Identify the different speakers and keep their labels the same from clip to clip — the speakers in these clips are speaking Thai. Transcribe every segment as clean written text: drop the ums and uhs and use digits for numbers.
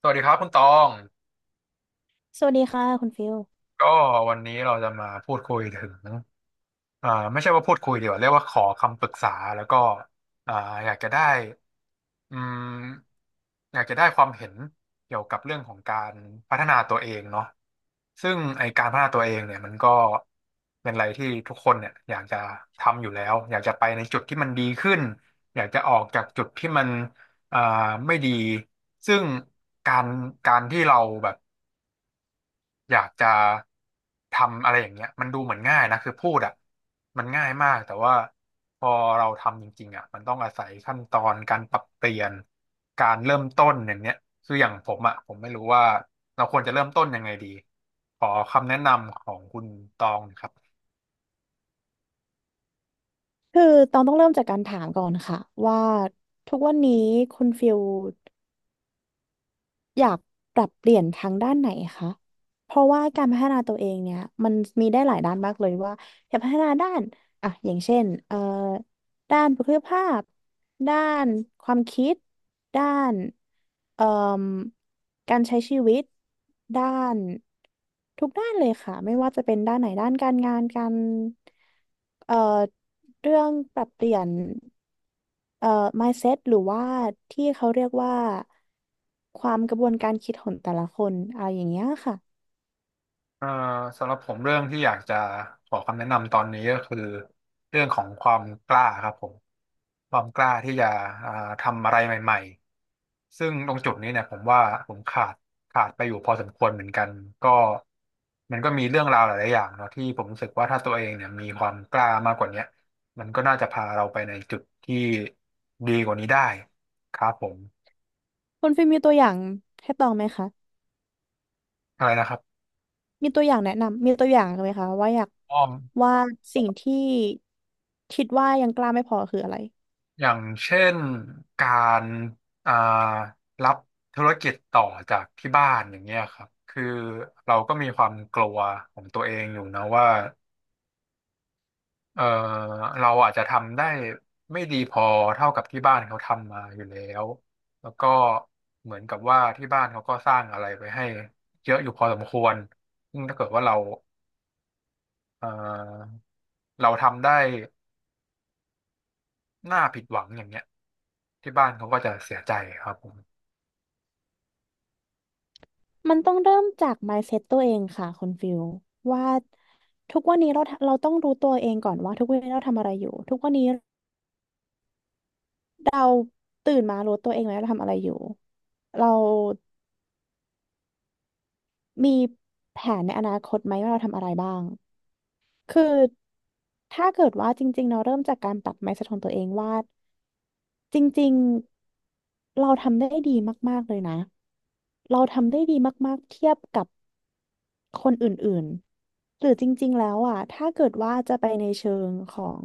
Speaker 1: สวัสดีครับคุณตอง
Speaker 2: สวัสดีค่ะคุณฟิล
Speaker 1: ก็วันนี้เราจะมาพูดคุยถึงไม่ใช่ว่าพูดคุยดีกว่าเรียกว่าขอคำปรึกษาแล้วก็อ่าอยากจะได้อืมอยากจะได้ความเห็นเกี่ยวกับเรื่องของการพัฒนาตัวเองเนาะซึ่งไอการพัฒนาตัวเองเนี่ยมันก็เป็นอะไรที่ทุกคนเนี่ยอยากจะทำอยู่แล้ว อยากจะไปในจุดที่มันดีขึ้น อยากจะออกจากจุดที่มันอ่าไม่ดี ซึ่งการการที่เราแบบ อยากจะทำอะไรอย่างเงี้ยมันดูเหมือนง่ายนะคือพูดอ่ะมันง่ายมากแต่ว่าพอเราทำจริงๆอ่ะมันต้องอาศัยขั้นตอนการปรับเปลี่ยนการเริ่มต้นอย่างเนี้ยคืออย่างผมอ่ะผมไม่รู้ว่าเราควรจะเริ่มต้นยังไงดีขอคำแนะนำของคุณตองครับ
Speaker 2: คือตองต้องเริ่มจากการถามก่อนค่ะว่าทุกวันนี้คุณฟิลอยากปรับเปลี่ยนทางด้านไหนคะเพราะว่าการพัฒนาตัวเองเนี่ยมันมีได้หลายด้านมากเลยว่าอยากพัฒนาด้านอ่ะอย่างเช่นด้านบุคลิกภาพด้านความคิดด้านเอ่อ การใช้ชีวิตด้านทุกด้านเลยค่ะไม่ว่าจะเป็นด้านไหนด้านการงานการเอ่อเรื่องปรับเปลี่ยนเอ่อ mindset หรือว่าที่เขาเรียกว่าความกระบวนการคิดของแต่ละคนอะไรอย่างเงี้ยค่ะ
Speaker 1: เอ่อสำหรับผมเรื่องที่อยากจะขอคำแนะนำตอนนี้ก็คือเรื่องของความกล้าครับผมความกล้าที่จะอ่าทำอะไรใหม่ๆซึ่งตรงจุดนี้เนี่ยผมว่าผมขาดไปอยู่พอสมควรเหมือนกันก็มันก็มีเรื่องราวหลายๆอย่างเนาะที่ผมรู้สึกว่าถ้าตัวเองเนี่ยมีความกล้ามากกว่าเนี้ยมันก็น่าจะพาเราไปในจุดที่ดีกว่านี้ได้ครับผม
Speaker 2: คุณฟิล์มมีตัวอย่างให้ตองไหมคะ
Speaker 1: อะไรนะครับ
Speaker 2: มีตัวอย่างแนะนำมีตัวอย่างไหมคะว่าอยาก
Speaker 1: อ้อม
Speaker 2: ว่าสิ่งที่คิดว่ายังกล้าไม่พอคืออะไร
Speaker 1: อย่างเช่นการอ่ารับธุรกิจต่อจากที่บ้านอย่างเงี้ยครับคือเราก็มีความกลัวของตัวเองอยู่นะว่าเออเราอาจจะทำได้ไม่ดีพอเท่ากับที่บ้านเขาทำมาอยู่แล้วแล้วก็เหมือนกับว่าที่บ้านเขาก็สร้างอะไรไปให้เยอะอยู่พอสมควรซึ่งถ้าเกิดว่าเออเราทำได้น่าผิดหวังอย่างเงี้ยที่บ้านเขาก็จะเสียใจครับผม
Speaker 2: มันต้องเริ่มจาก mindset ตัวเองค่ะคุณฟิลว่าทุกวันนี้เราต้องรู้ตัวเองก่อนว่าทุกวันนี้เราทำอะไรอยู่ทุกวันนี้เราตื่นมารู้ตัวเองไหมว่าเราทำอะไรอยู่เรามีแผนในอนาคตไหมว่าเราทำอะไรบ้างคือถ้าเกิดว่าจริงๆเราเริ่มจากการปรับ mindset ของตัวเองว่าจริงๆเราทำได้ดีมากๆเลยนะเราทำได้ดีมากๆเทียบกับ คนอื่นๆ หรือจริงๆแล้วอ่ะถ้าเกิดว่าจะไปในเชิงของ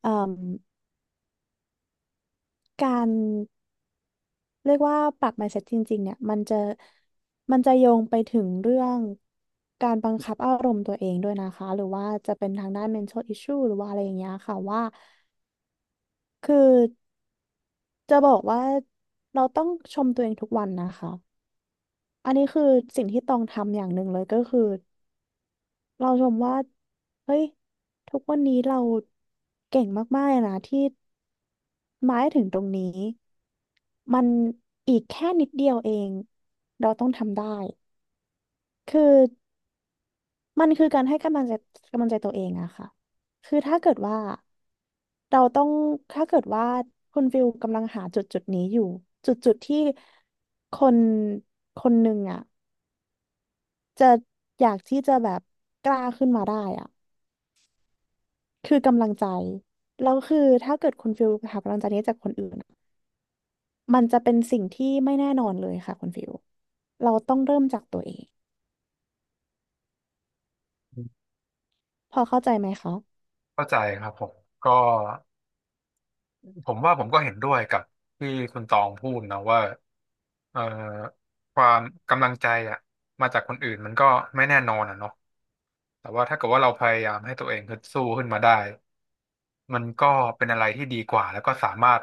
Speaker 2: เอ่มการเรียกว่าปรับ mindset จริงๆเนี่ยมันจะโยงไปถึงเรื่องการบังคับอารมณ์ตัวเองด้วยนะคะหรือว่าจะเป็นทางด้าน mental issue หรือว่าอะไรอย่างเงี้ยค่ะว่าคือจะบอกว่าเราต้องชมตัวเองทุกวันนะคะอันนี้คือสิ่งที่ต้องทำอย่างหนึ่งเลยก็คือ เราชมว่าเฮ้ยทุกวันนี้เราเก่งมากๆเลยนะที่มาให้ถึงตรงนี้มันอีกแค่นิดเดียวเองเราต้องทำได้คือมันคือการให้กำลังใจกำลังใจตัวเองอะค่ะคือถ้าเกิดว่าเราต้องถ้าเกิดว่าคุณฟิลกำลังหาจุดนี้อยู่จุดที่คนคนหนึ่งอะจะอยากที่จะแบบกล้าขึ้นมาได้อะ คือกำลังใจแล้วคือถ้าเกิดคุณฟิลหากำลังใจนี้จากคนอื่นอะมันจะเป็นสิ่งที่ไม่แน่นอนเลยค่ะคุณฟิลเราต้องเริ่มจากตัวเองพอเข้าใจไหมคะ
Speaker 1: เข้าใจครับผมก็ผมว่าผมก็เห็นด้วยกับที่คุณตองพูดนะว่าเอ่อความกำลังใจอะมาจากคนอื่นมันก็ไม่แน่นอนอะเนาะแต่ว่าถ้าเกิดว่าเราพยายามให้ตัวเองฮึดสู้ขึ้นมาได้มันก็เป็นอะไรที่ดีกว่าแล้วก็สามารถ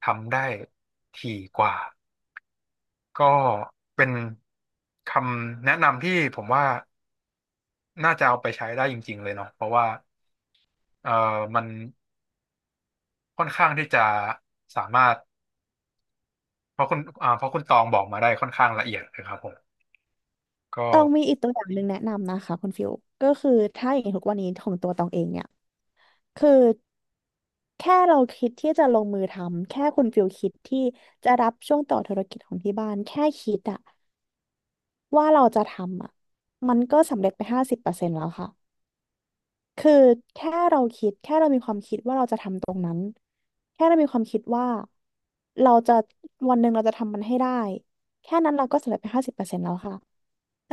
Speaker 1: ทำได้ถี่กว่าก็เป็นคำแนะนำที่ผมว่าน่าจะเอาไปใช้ได้จริงๆเลยเนาะเพราะว่าเอ่อมันค่อนข้างที่จะสามารถ เพราะคุณตองบอกมาได้ค่อนข้างละเอียดเลยครับผมก็
Speaker 2: ตองมีอีกตัวอย่างหนึ่งแนะนำนะคะคุณฟิลก็คือถ้าอย่างทุกวันนี้ของตัวตองเองเนี่ยคือแค่เราคิดที่จะลงมือทำแค่คุณฟิลคิดที่จะรับช่วงต่อธุรกิจของที่บ้านแค่คิดอะว่าเราจะทำอะมันก็สำเร็จไปห้าสิบเปอร์เซ็นต์แล้วค่ะ คือแค่เราคิดแค่เรามีความคิดว่าเราจะทำตรงนั้นแค่เรามีความคิดว่าเราจะวันหนึ่งเราจะทำมันให้ได้แค่นั้นเราก็สำเร็จไปห้าสิบเปอร์เซ็นต์แล้วค่ะ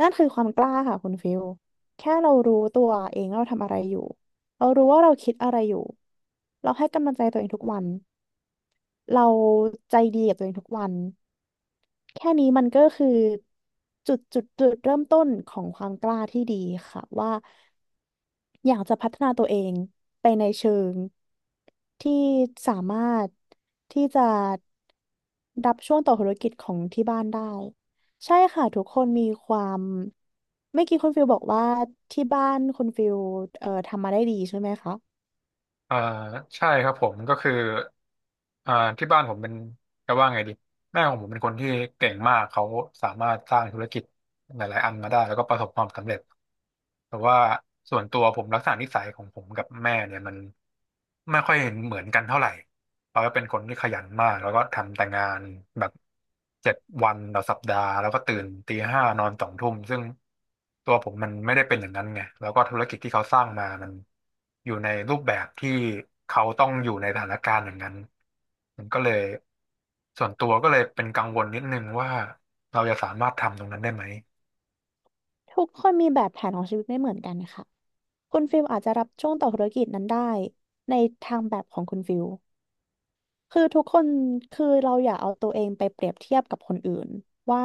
Speaker 2: นั่นคือความกล้าค่ะคุณฟิลแค่เรารู้ตัวเองว่าเราทำอะไรอยู่เรารู้ว่าเราคิดอะไรอยู่เราให้กำลังใจตัวเองทุกวันเราใจดีกับตัวเองทุกวันแค่นี้มันก็คือจุดเริ่มต้นของความกล้าที่ดีค่ะว่า อยากจะพัฒนาตัวเองไปในเชิงที่สามารถที่จะรับช่วงต่อธุรกิจของที่บ้านได้ใช่ค่ะทุกคนมีความเมื่อกี้คุณฟิลบอกว่าที่บ้านคุณฟิลทำมาได้ดีใช่ไหมคะ
Speaker 1: อ่าใช่ครับผมก็คืออ่าที่บ้านผมเป็นจะว่าไงดีแม่ของผมเป็นคนที่เก่งมากเขาสามารถสร้างธุรกิจหลายๆอันมาได้แล้วก็ประสบความสำเร็จแต่ว่าส่วนตัวผมลักษณะนิสัยของผมกับแม่เนี่ยมันไม่ค่อยเห็นเหมือนกันเท่าไหร่ เขาก็เป็นคนที่ขยันมากแล้วก็ทำแต่งานแบบ7 วันต่อสัปดาห์แล้วก็ตื่นตีห้านอนสองทุ่มซึ่งตัวผมมันไม่ได้เป็นอย่างนั้นไงแล้วก็ธุรกิจที่เขาสร้างมามันอยู่ในรูปแบบที่เขาต้องอยู่ในสถานการณ์อย่างนั้นมันก็เลยส่วนตัวก็เลยเป็นกังวลนิดนึงว่าเราจะสามารถทำตรงนั้นได้ไหม
Speaker 2: ทุกคนมีแบบแผนของชีวิตไม่เหมือนกันค่ะคุณฟิลอาจจะรับช่วงต่อธุรกิจนั้นได้ในทางแบบของคุณฟิล คือทุกคนคือเราอย่าเอาตัวเองไปเปรียบเทียบกับคนอื่นว่า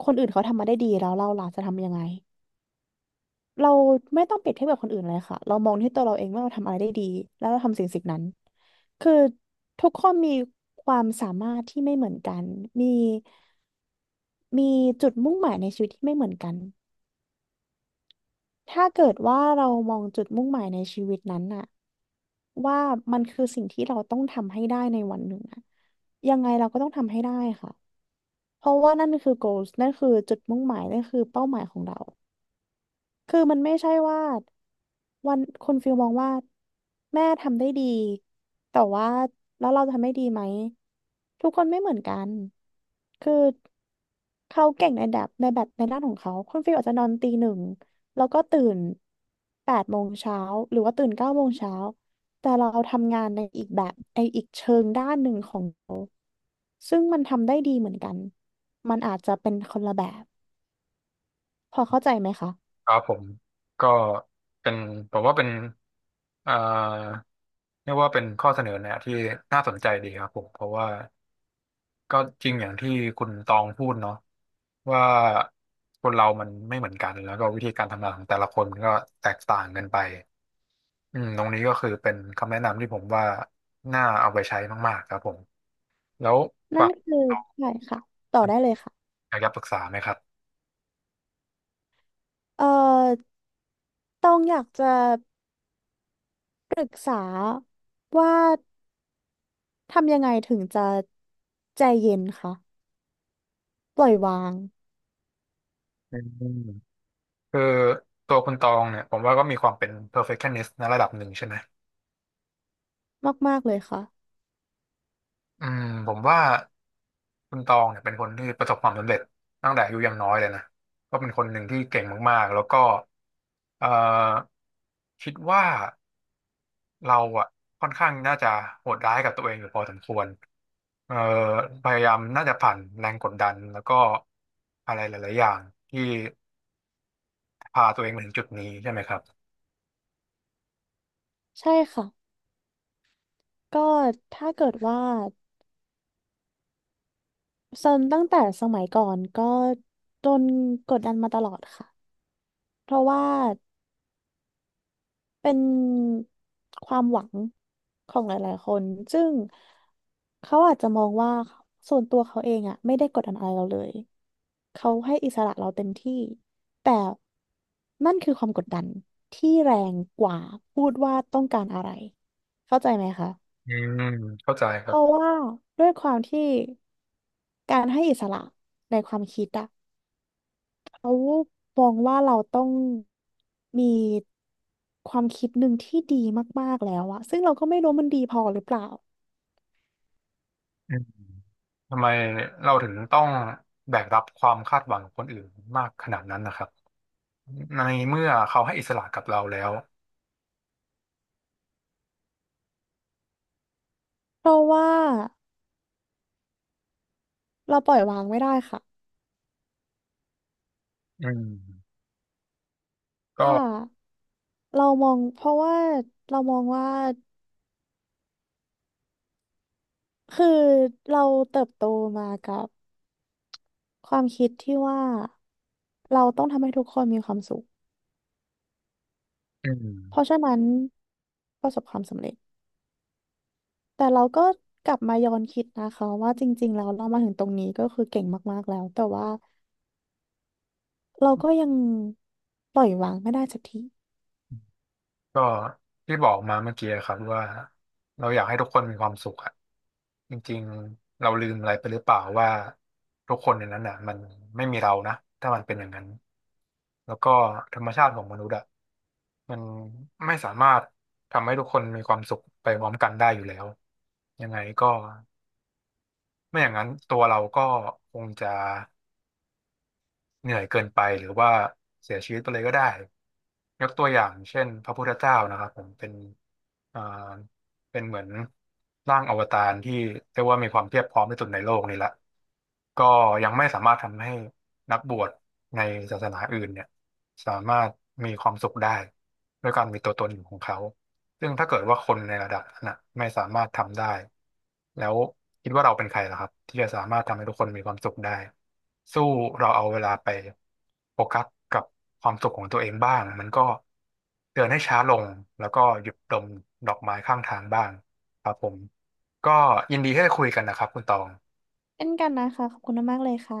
Speaker 2: คนอื่นเขาทำมาได้ดีแล้วเราล่ะจะทำยังไงเราไม่ต้องเปรียบเทียบกับคนอื่นเลยค่ะเรามองที่ตัวเราเองว่าเราทำอะไรได้ดีแล้วเราทำสิ่งสิ่งนั้นคือทุกคนมีความสามารถที่ไม่เหมือนกันมีมีจุดมุ่งหมายในชีวิตที่ไม่เหมือนกันถ้าเกิดว่าเรามองจุดมุ่งหมายในชีวิตนั้นน่ะว่ามันคือสิ่งที่เราต้องทำให้ได้ในวันหนึ่งอะยังไงเราก็ต้องทำให้ได้ค่ะ เพราะว่านั่นคือ goals นั่นคือจุดมุ่งหมายนั่นคือเป้าหมายของเรา คือมันไม่ใช่ว่าวันคุณฟิลมองว่าแม่ทำได้ดีแต่ว่าแล้วเราทำได้ดีไหมทุกคนไม่เหมือนกันคือเขาเก่งในแบบในด้านของเขาคุณฟิลอาจจะนอนตี 1แล้วก็ตื่น8 โมงเช้าหรือว่าตื่น9 โมงเช้าแต่เราทำงานในอีกแบบในอีกเชิงด้านหนึ่งของ ซึ่งมันทำได้ดีเหมือนกัน มันอาจจะเป็นคนละแบบ พอเข้าใจไหมคะ
Speaker 1: ครับผมก็เป็นผมว่าเป็นเอ่อเรียกว่าเป็นข้อเสนอแนะที่น่าสนใจดีครับผมเพราะว่า ก็จริงอย่างที่คุณตองพูดเนาะว่าคนเรามันไม่เหมือนกันแล้วก็วิธีการทำงานของแต่ละคนมันก็แตกต่างกันไปอืมตรงนี้ก็คือเป็นคำแนะนำที่ผมว่าน่าเอาไปใช้มากๆครับผมแล้ว
Speaker 2: นั่
Speaker 1: ฝั่
Speaker 2: น
Speaker 1: ง
Speaker 2: คื
Speaker 1: คุ
Speaker 2: อ
Speaker 1: ณตอง
Speaker 2: ใช่ค่ะ ต่อได้เลยค่ะ
Speaker 1: อยากจะปรึกษาไหมครับ
Speaker 2: เอ่อ ต้องอยากจะปรึกษาว่าทำยังไงถึงจะใจเย็นคะปล่อยวาง
Speaker 1: อืมคือตัวคุณตองเนี่ยผมว่าก็มีความเป็น perfectionist ในระดับหนึ่งใช่ไหม
Speaker 2: มากๆเลยค่ะ
Speaker 1: อืมผมว่า คุณตองเนี่ยเป็นคนที่ประสบความสำเร็จตั้งแต่อายุยังน้อยเลยนะก็เป็นคนหนึ่งที่เก่งมากๆแล้วก็เอ่อคิดว่าเราอ่ะค่อนข้างน่าจะโหดร้ายกับตัวเองอยู่พอสมควรเอ่อพยายามน่าจะผ่านแรงกดดันแล้วก็อะไรหลายๆอย่างที่พาตัวเองมาถึงจุดนี้ใช่ไหมครับ
Speaker 2: ใช่ค่ะ ก็ถ้าเกิดว่าเซินตั้งแต่สมัยก่อนก็โดนกดดันมาตลอดค่ะ เพราะว่า เป็นความหวังของหลายๆคนซึ่งเขาอาจจะมองว่าส่วนตัวเขาเองอะไม่ได้กดดันอะไรเราเลยเขาให้อิสระเราเต็มที่แต่นั่นคือความกดดันที่แรงกว่าพูดว่าต้องการอะไร เข้าใจไหมคะ
Speaker 1: อืมเข้าใจค
Speaker 2: เพ
Speaker 1: รั
Speaker 2: ราะ
Speaker 1: บ
Speaker 2: ว่าด้วยความที่การให้อิสระในความคิดอะ เขามองว่าเราต้องมีความคิดหนึ่งที่ดีมากๆแล้วอะซึ่งเราก็ไม่รู้มันดีพอหรือเปล่า
Speaker 1: อืมทำไมเราถึงต้องแบกรับความคาดหวังของคนอื่นมากขนาดนั้นนะครับในเมื่อเขาให้อิสระกับเราแล้ว
Speaker 2: เพราะว่าเราปล่อยวางไม่ได้ค่ะ
Speaker 1: อืมก็
Speaker 2: ถ้าเรามองเพราะว่าเรามองว่าคือเราเติบโตมากับความคิดที่ว่าเราต้องทำให้ทุกคนมีความสุข
Speaker 1: อื
Speaker 2: เพราะ
Speaker 1: ม
Speaker 2: ฉะนั้นประสบความสำเร็จแต่เราก็กลับมาย้อนคิดนะคะว่าจริงๆแล้วเรามาถึงตรงนี้ก็คือเก่งมากๆแล้วแต่ว่า เราก็ยังปล่อยวางไม่ได้สักที
Speaker 1: ก็ที่บอกมาเมื่อกี้ครับว่าเราอยากให้ทุกคนมีความสุขอะจริงๆเราลืมอะไรไปหรือเปล่าว่าทุกคนในนั้นน่ะมันไม่มีเรานะถ้ามันเป็นอย่างนั้นแล้วก็ธรรมชาติของมนุษย์อะมันไม่สามารถทำให้ทุกคนมีความสุขไปพร้อมกันได้อยู่แล้วยังไงก็ไม่อย่างนั้นตัวเราก็คงจะ เหนื่อยเกินไปหรือว่าเสียชีวิตไปเลยก็ได้ยกตัวอย่างเช่นพระพุทธเจ้านะครับผมเป็นอ่าเป็นเหมือนร่างอวตารที่เรียกว่ามีความเพียบพร้อมที่สุดในโลกนี่แหละก็ยังไม่สามารถทำให้นักบวชในศาสนาอื่นเนี่ยสามารถมีความสุขได้ด้วยการมีตัวตนของเขา ซึ่งถ้าเกิดว่าคนในระดับนั้นนะไม่สามารถทำได้แล้วคิดว่าเราเป็นใครล่ะครับที่จะสามารถทำให้ทุกคนมีความสุขได้สู้เราเอาเวลาไปโฟกัสกับความสุขของตัวเองบ้างมันก็เดินให้ช้าลงแล้วก็หยุดดมดอกไม้ข้างทางบ้างครับผมก็ยินดีที่ได้คุยกันนะครับคุณตอง
Speaker 2: เช่นกันนะคะขอบคุณมากๆเลยค่ะ